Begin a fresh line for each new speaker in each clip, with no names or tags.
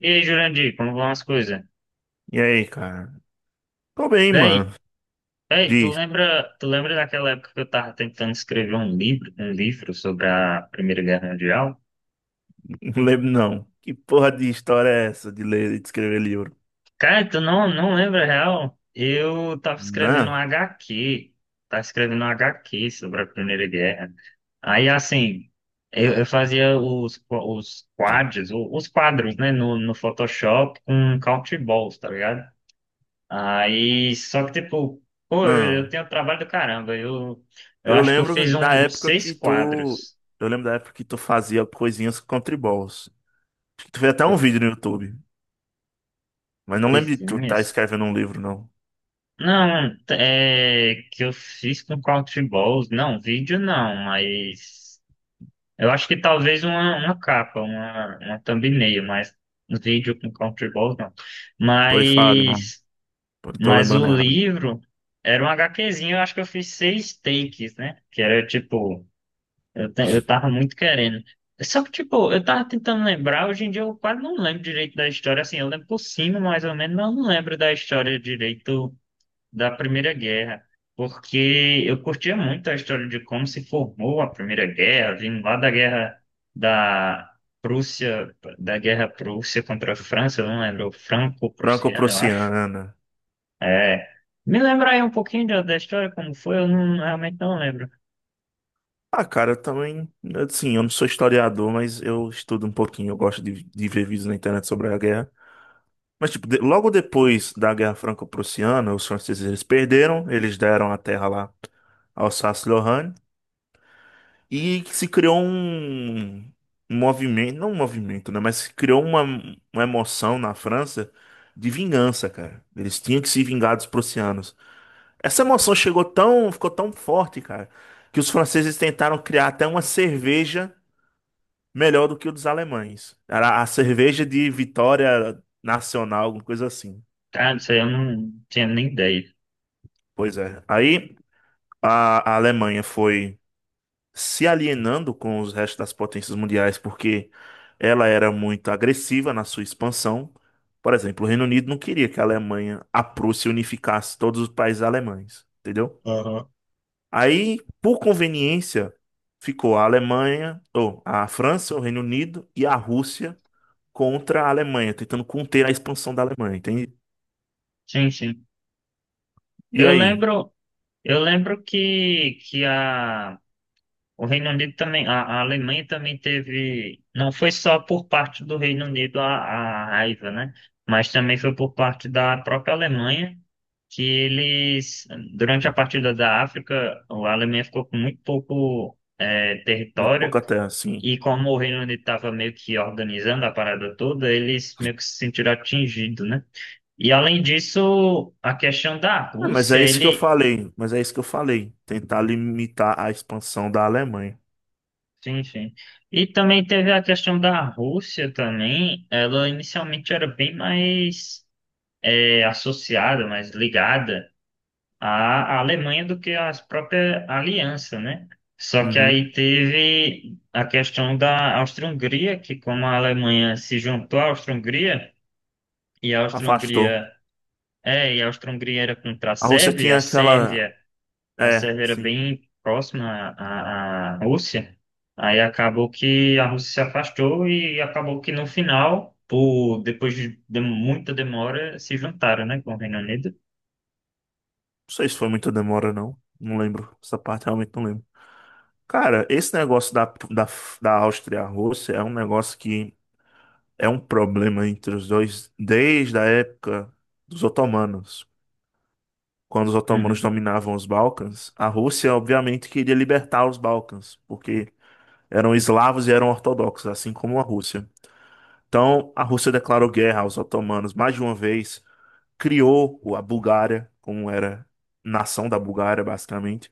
E aí, Jurandir, como vão as coisas?
E aí, cara? Tô bem,
Daí,
mano. Diz,
tu lembra daquela época que eu tava tentando escrever um livro sobre a Primeira Guerra Mundial?
não lembro não. Que porra de história é essa de ler e de escrever livro?
Cara, tu não lembra, real? Eu tava escrevendo um
Não,
HQ, tava escrevendo um HQ sobre a Primeira Guerra. Aí, assim, eu fazia os quadros, os quadros, né, no Photoshop com Country Balls, tá ligado? Aí, só que, tipo, pô, eu
não.
tenho trabalho do caramba. Eu
Eu
acho que eu fiz
lembro da
uns
época
seis
que tu.
quadros,
Eu lembro da época que tu fazia coisinhas com tribols. Acho que tu fez até um
co-
vídeo no YouTube. Mas não lembro de tu tá
coisinhas.
escrevendo um livro, não.
Não, é que eu fiz com Countryballs. Não, vídeo não, mas eu acho que talvez uma capa, uma thumbnail, mas vídeo com Countryballs não.
Pois fale, mano.
Mas,
Eu tô
mas
lembrando
o
errado.
livro era um HQzinho, eu acho que eu fiz seis takes, né? Que era tipo. Eu tava muito querendo. Só que, tipo, eu tava tentando lembrar, hoje em dia eu quase não lembro direito da história, assim, eu lembro por cima, mais ou menos, mas eu não lembro da história direito da Primeira Guerra, porque eu curtia muito a história de como se formou a Primeira Guerra, vindo lá da guerra da Prússia, da guerra Prússia contra a França, eu não lembro, franco-prussiano, eu acho.
Franco-Prussiana.
É. Me lembra aí um pouquinho da história, como foi, eu não, realmente não lembro.
Ah, cara, eu também. Assim, eu não sou historiador, mas eu estudo um pouquinho. Eu gosto de ver vídeos na internet sobre a guerra. Mas, tipo, logo depois da Guerra Franco-Prussiana, os franceses eles perderam, eles deram a terra lá à Alsácia-Lorraine, e se criou um movimento, não um movimento, né? Mas se criou uma emoção na França de vingança, cara. Eles tinham que se vingar dos prussianos. Essa emoção chegou tão, ficou tão forte, cara, que os franceses tentaram criar até uma cerveja melhor do que o dos alemães. Era a cerveja de vitória nacional, alguma coisa assim.
Tá, não sei, eu não tinha nem ideia.
Pois é. Aí, a Alemanha foi se alienando com os restos das potências mundiais porque ela era muito agressiva na sua expansão. Por exemplo, o Reino Unido não queria que a Alemanha, a Prússia, unificasse todos os países alemães, entendeu? Aí, por conveniência, ficou a Alemanha, ou a França, o Reino Unido e a Rússia contra a Alemanha, tentando conter a expansão da Alemanha, entende?
Sim, sim.
E
Eu
aí?
lembro, eu lembro que, o Reino Unido também, a Alemanha também teve, não foi só por parte do Reino Unido a raiva, né? Mas também foi por parte da própria Alemanha, que eles, durante a partida da África, a Alemanha ficou com muito pouco
Muito
território,
pouco até assim.
e como o Reino Unido estava meio que organizando a parada toda, eles meio que se sentiram atingidos, né? E além disso, a questão da
É, mas
Rússia,
é isso que eu
ele,
falei, mas é isso que eu falei. Tentar limitar a expansão da Alemanha.
sim, sim. E também teve a questão da Rússia também. Ela inicialmente era bem mais associada, mais ligada à Alemanha do que à própria aliança, né? Só que
Uhum.
aí teve a questão da Áustria-Hungria, que como a Alemanha se juntou à Áustria-Hungria, e a
Afastou.
Áustria-Hungria e a Áustria-Hungria era contra a
A Rússia
Sérvia,
tinha
a
aquela.
Sérvia a
É,
Sérvia era
sim.
bem próxima à Rússia, aí acabou que a Rússia se afastou e acabou que no final, por, depois de muita demora, se juntaram, né, com o Reino Unido.
Não sei se foi muita demora, não. Não lembro. Essa parte realmente não lembro. Cara, esse negócio da, da Áustria e a Rússia é um negócio que é um problema entre os dois desde a época dos otomanos. Quando os otomanos
Uhum.
dominavam os Balcãs, a Rússia, obviamente, queria libertar os Balcãs, porque eram eslavos e eram ortodoxos, assim como a Rússia. Então, a Rússia declarou guerra aos otomanos mais de uma vez, criou a Bulgária, como era nação da Bulgária, basicamente.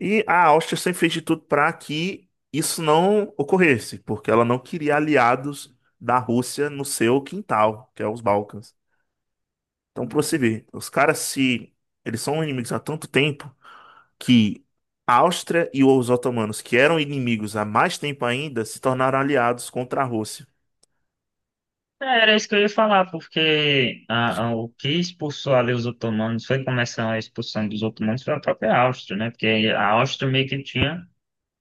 E a Áustria sempre fez de tudo para que isso não ocorresse, porque ela não queria aliados da Rússia no seu quintal, que é os Balcãs. Então, para você ver, os caras se eles são inimigos há tanto tempo que a Áustria e os otomanos, que eram inimigos há mais tempo ainda, se tornaram aliados contra a Rússia.
É, era isso que eu ia falar, porque o que expulsou ali os otomanos foi começar a expulsão dos otomanos foi a própria Áustria, né? Porque a Áustria meio que tinha,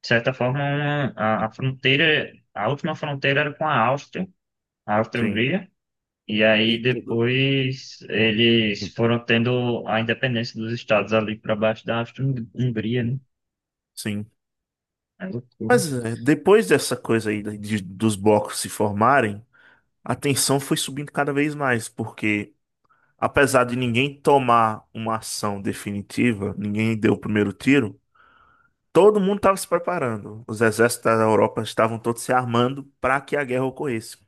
de certa forma, a fronteira, a última fronteira era com a Áustria, a
Sim.
Áustria-Hungria. E
E
aí
tudo.
depois eles foram tendo a independência dos estados ali para baixo da Áustria-Hungria, né?
Sim.
É loucura.
Mas é, depois dessa coisa aí dos blocos se formarem, a tensão foi subindo cada vez mais, porque apesar de ninguém tomar uma ação definitiva, ninguém deu o primeiro tiro, todo mundo estava se preparando. Os exércitos da Europa estavam todos se armando para que a guerra ocorresse.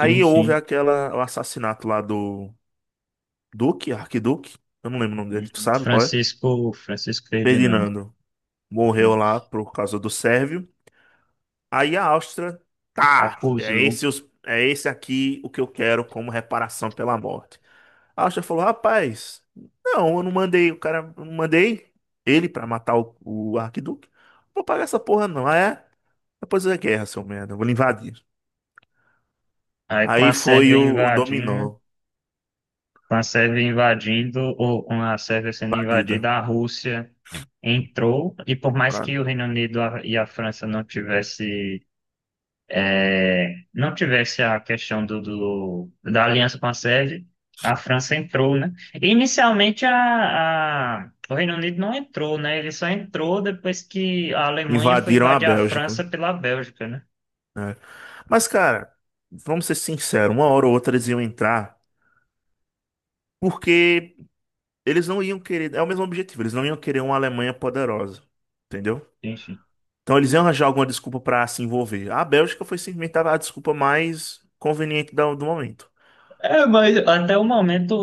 Sim,
houve
sim.
aquela, o assassinato lá do Duque, Arquiduque, eu não lembro o nome dele, tu sabe qual é?
Francisco, Francisco Ferdinando,
Ferdinando morreu
né?
lá por causa do Sérvio. Aí a Áustria, tá, é
Acusou.
esse, é esse aqui o que eu quero como reparação pela morte. A Áustria falou, rapaz, não, eu não mandei, o cara, eu não mandei ele pra matar o Arquiduque. Não vou pagar essa porra não, Ah, é? Depois da guerra, seu merda, eu vou lhe invadir.
Aí com a
Aí foi
Sérvia
o
invadindo,
dominó,
com a Sérvia invadindo, ou com a Sérvia sendo
invadida,
invadida, a Rússia entrou, e por mais
pra-
que o Reino Unido e a França não tivessem não tivesse a questão do, da aliança com a Sérvia, a França entrou, né? Inicialmente o Reino Unido não entrou, né? Ele só entrou depois que a Alemanha foi
invadiram a
invadir a
Bélgica,
França pela Bélgica, né?
né? Mas, cara, vamos ser sinceros, uma hora ou outra eles iam entrar, porque... Eles não iam querer, é o mesmo objetivo, eles não iam querer uma Alemanha poderosa, entendeu?
Enfim.
Então eles iam arranjar alguma desculpa pra se envolver. A Bélgica foi simplesmente a desculpa mais conveniente do momento.
É, mas até o momento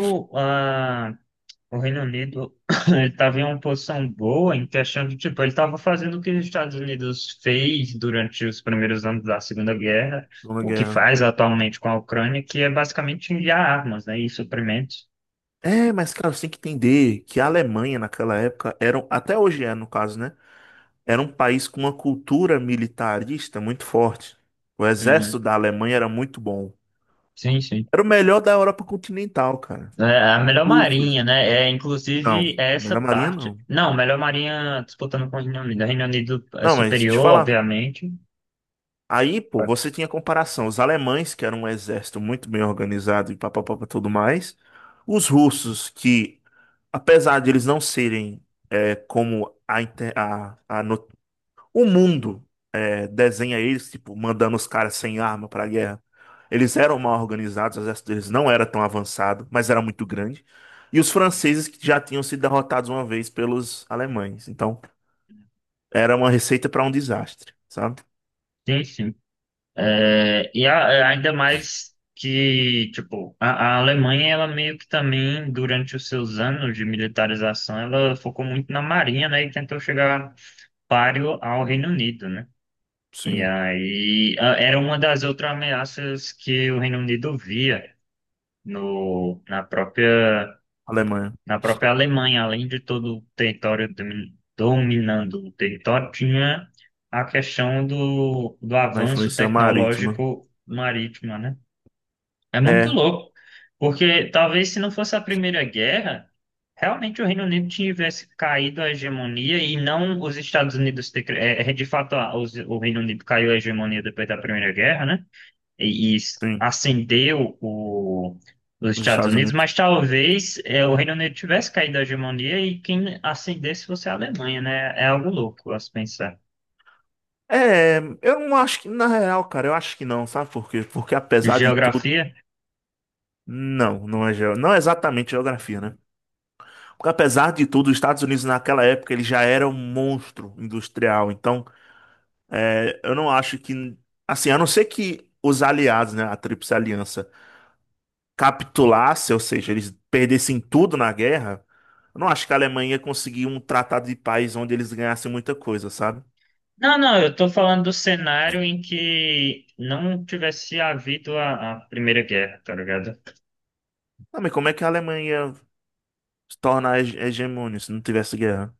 o Reino Unido ele estava em uma posição boa em questão de, tipo, ele estava fazendo o que os Estados Unidos fez durante os primeiros anos da Segunda Guerra,
Numa
o que
guerra.
faz atualmente com a Ucrânia, que é basicamente enviar armas, né, e suprimentos.
É, mas cara, você tem que entender que a Alemanha naquela época era, até hoje é no caso, né? Era um país com uma cultura militarista muito forte. O
Uhum.
exército da Alemanha era muito bom.
Sim, sim.
Era o melhor da Europa continental, cara.
É a melhor
Russos.
marinha, né? É,
Não,
inclusive, é essa
melhor marinha
parte.
não.
Não, melhor marinha disputando com o Reino Unido. O Reino Unido é
Não, mas te
superior,
falar.
obviamente.
Aí, pô, você tinha comparação. Os alemães, que eram um exército muito bem organizado e papapá e tudo mais. Os russos, que, apesar de eles não serem é, como a, inter- a no- o mundo desenha eles, tipo, mandando os caras sem arma pra guerra, eles eram mal organizados, o exército deles não era tão avançado, mas era muito grande. E os franceses, que já tinham sido derrotados uma vez pelos alemães. Então, era uma receita pra um desastre, sabe?
Sim, sim. É, e é, ainda mais que, tipo, a Alemanha, ela meio que também, durante os seus anos de militarização, ela focou muito na marinha, né, e tentou chegar páreo ao Reino Unido, né? E
Sim,
aí era uma das outras ameaças que o Reino Unido via no,
Alemanha.
na própria Alemanha, além de todo o território dominando o território, tinha a questão do, do
Da
avanço
influência marítima.
tecnológico marítimo, né? É muito
É,
louco, porque talvez se não fosse a Primeira Guerra, realmente o Reino Unido tivesse caído a hegemonia e não os Estados Unidos. É, é, de fato, o Reino Unido caiu a hegemonia depois da Primeira Guerra, né? E,
sim,
ascendeu os
nos
Estados
Estados
Unidos,
Unidos.
mas talvez é, o Reino Unido tivesse caído a hegemonia e quem ascendesse fosse a Alemanha, né? É algo louco a se pensar.
É, eu não acho que, na real, cara, eu acho que não, sabe por quê? Porque apesar de tudo,
Geografia.
não, não é, não é exatamente geografia, né? Porque apesar de tudo, os Estados Unidos naquela época ele já era um monstro industrial, então é, eu não acho que, assim, a não ser que os aliados, né, a Tríplice Aliança, capitulasse, ou seja, eles perdessem tudo na guerra, eu não acho que a Alemanha ia conseguir um tratado de paz onde eles ganhassem muita coisa, sabe?
Não, não, eu tô falando do cenário em que não tivesse havido a Primeira Guerra, tá ligado?
Ah, mas como é que a Alemanha se torna hegemônia se não tivesse guerra?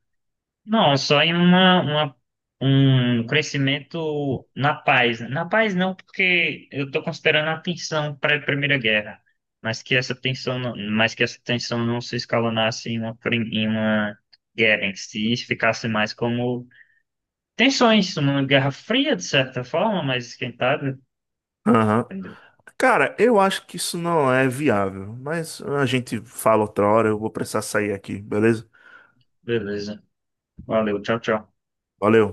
Não, só em um crescimento na paz. Né? Na paz não, porque eu tô considerando a tensão para a primeira Guerra, mas que essa tensão, mas que essa tensão não se escalonasse em em uma guerra em si, ficasse mais como tensões, uma guerra fria, de certa forma, mas esquentada.
Aham.
Entendeu?
Cara, eu acho que isso não é viável, mas a gente fala outra hora, eu vou precisar sair aqui, beleza?
Beleza. Valeu, tchau, tchau.
Valeu.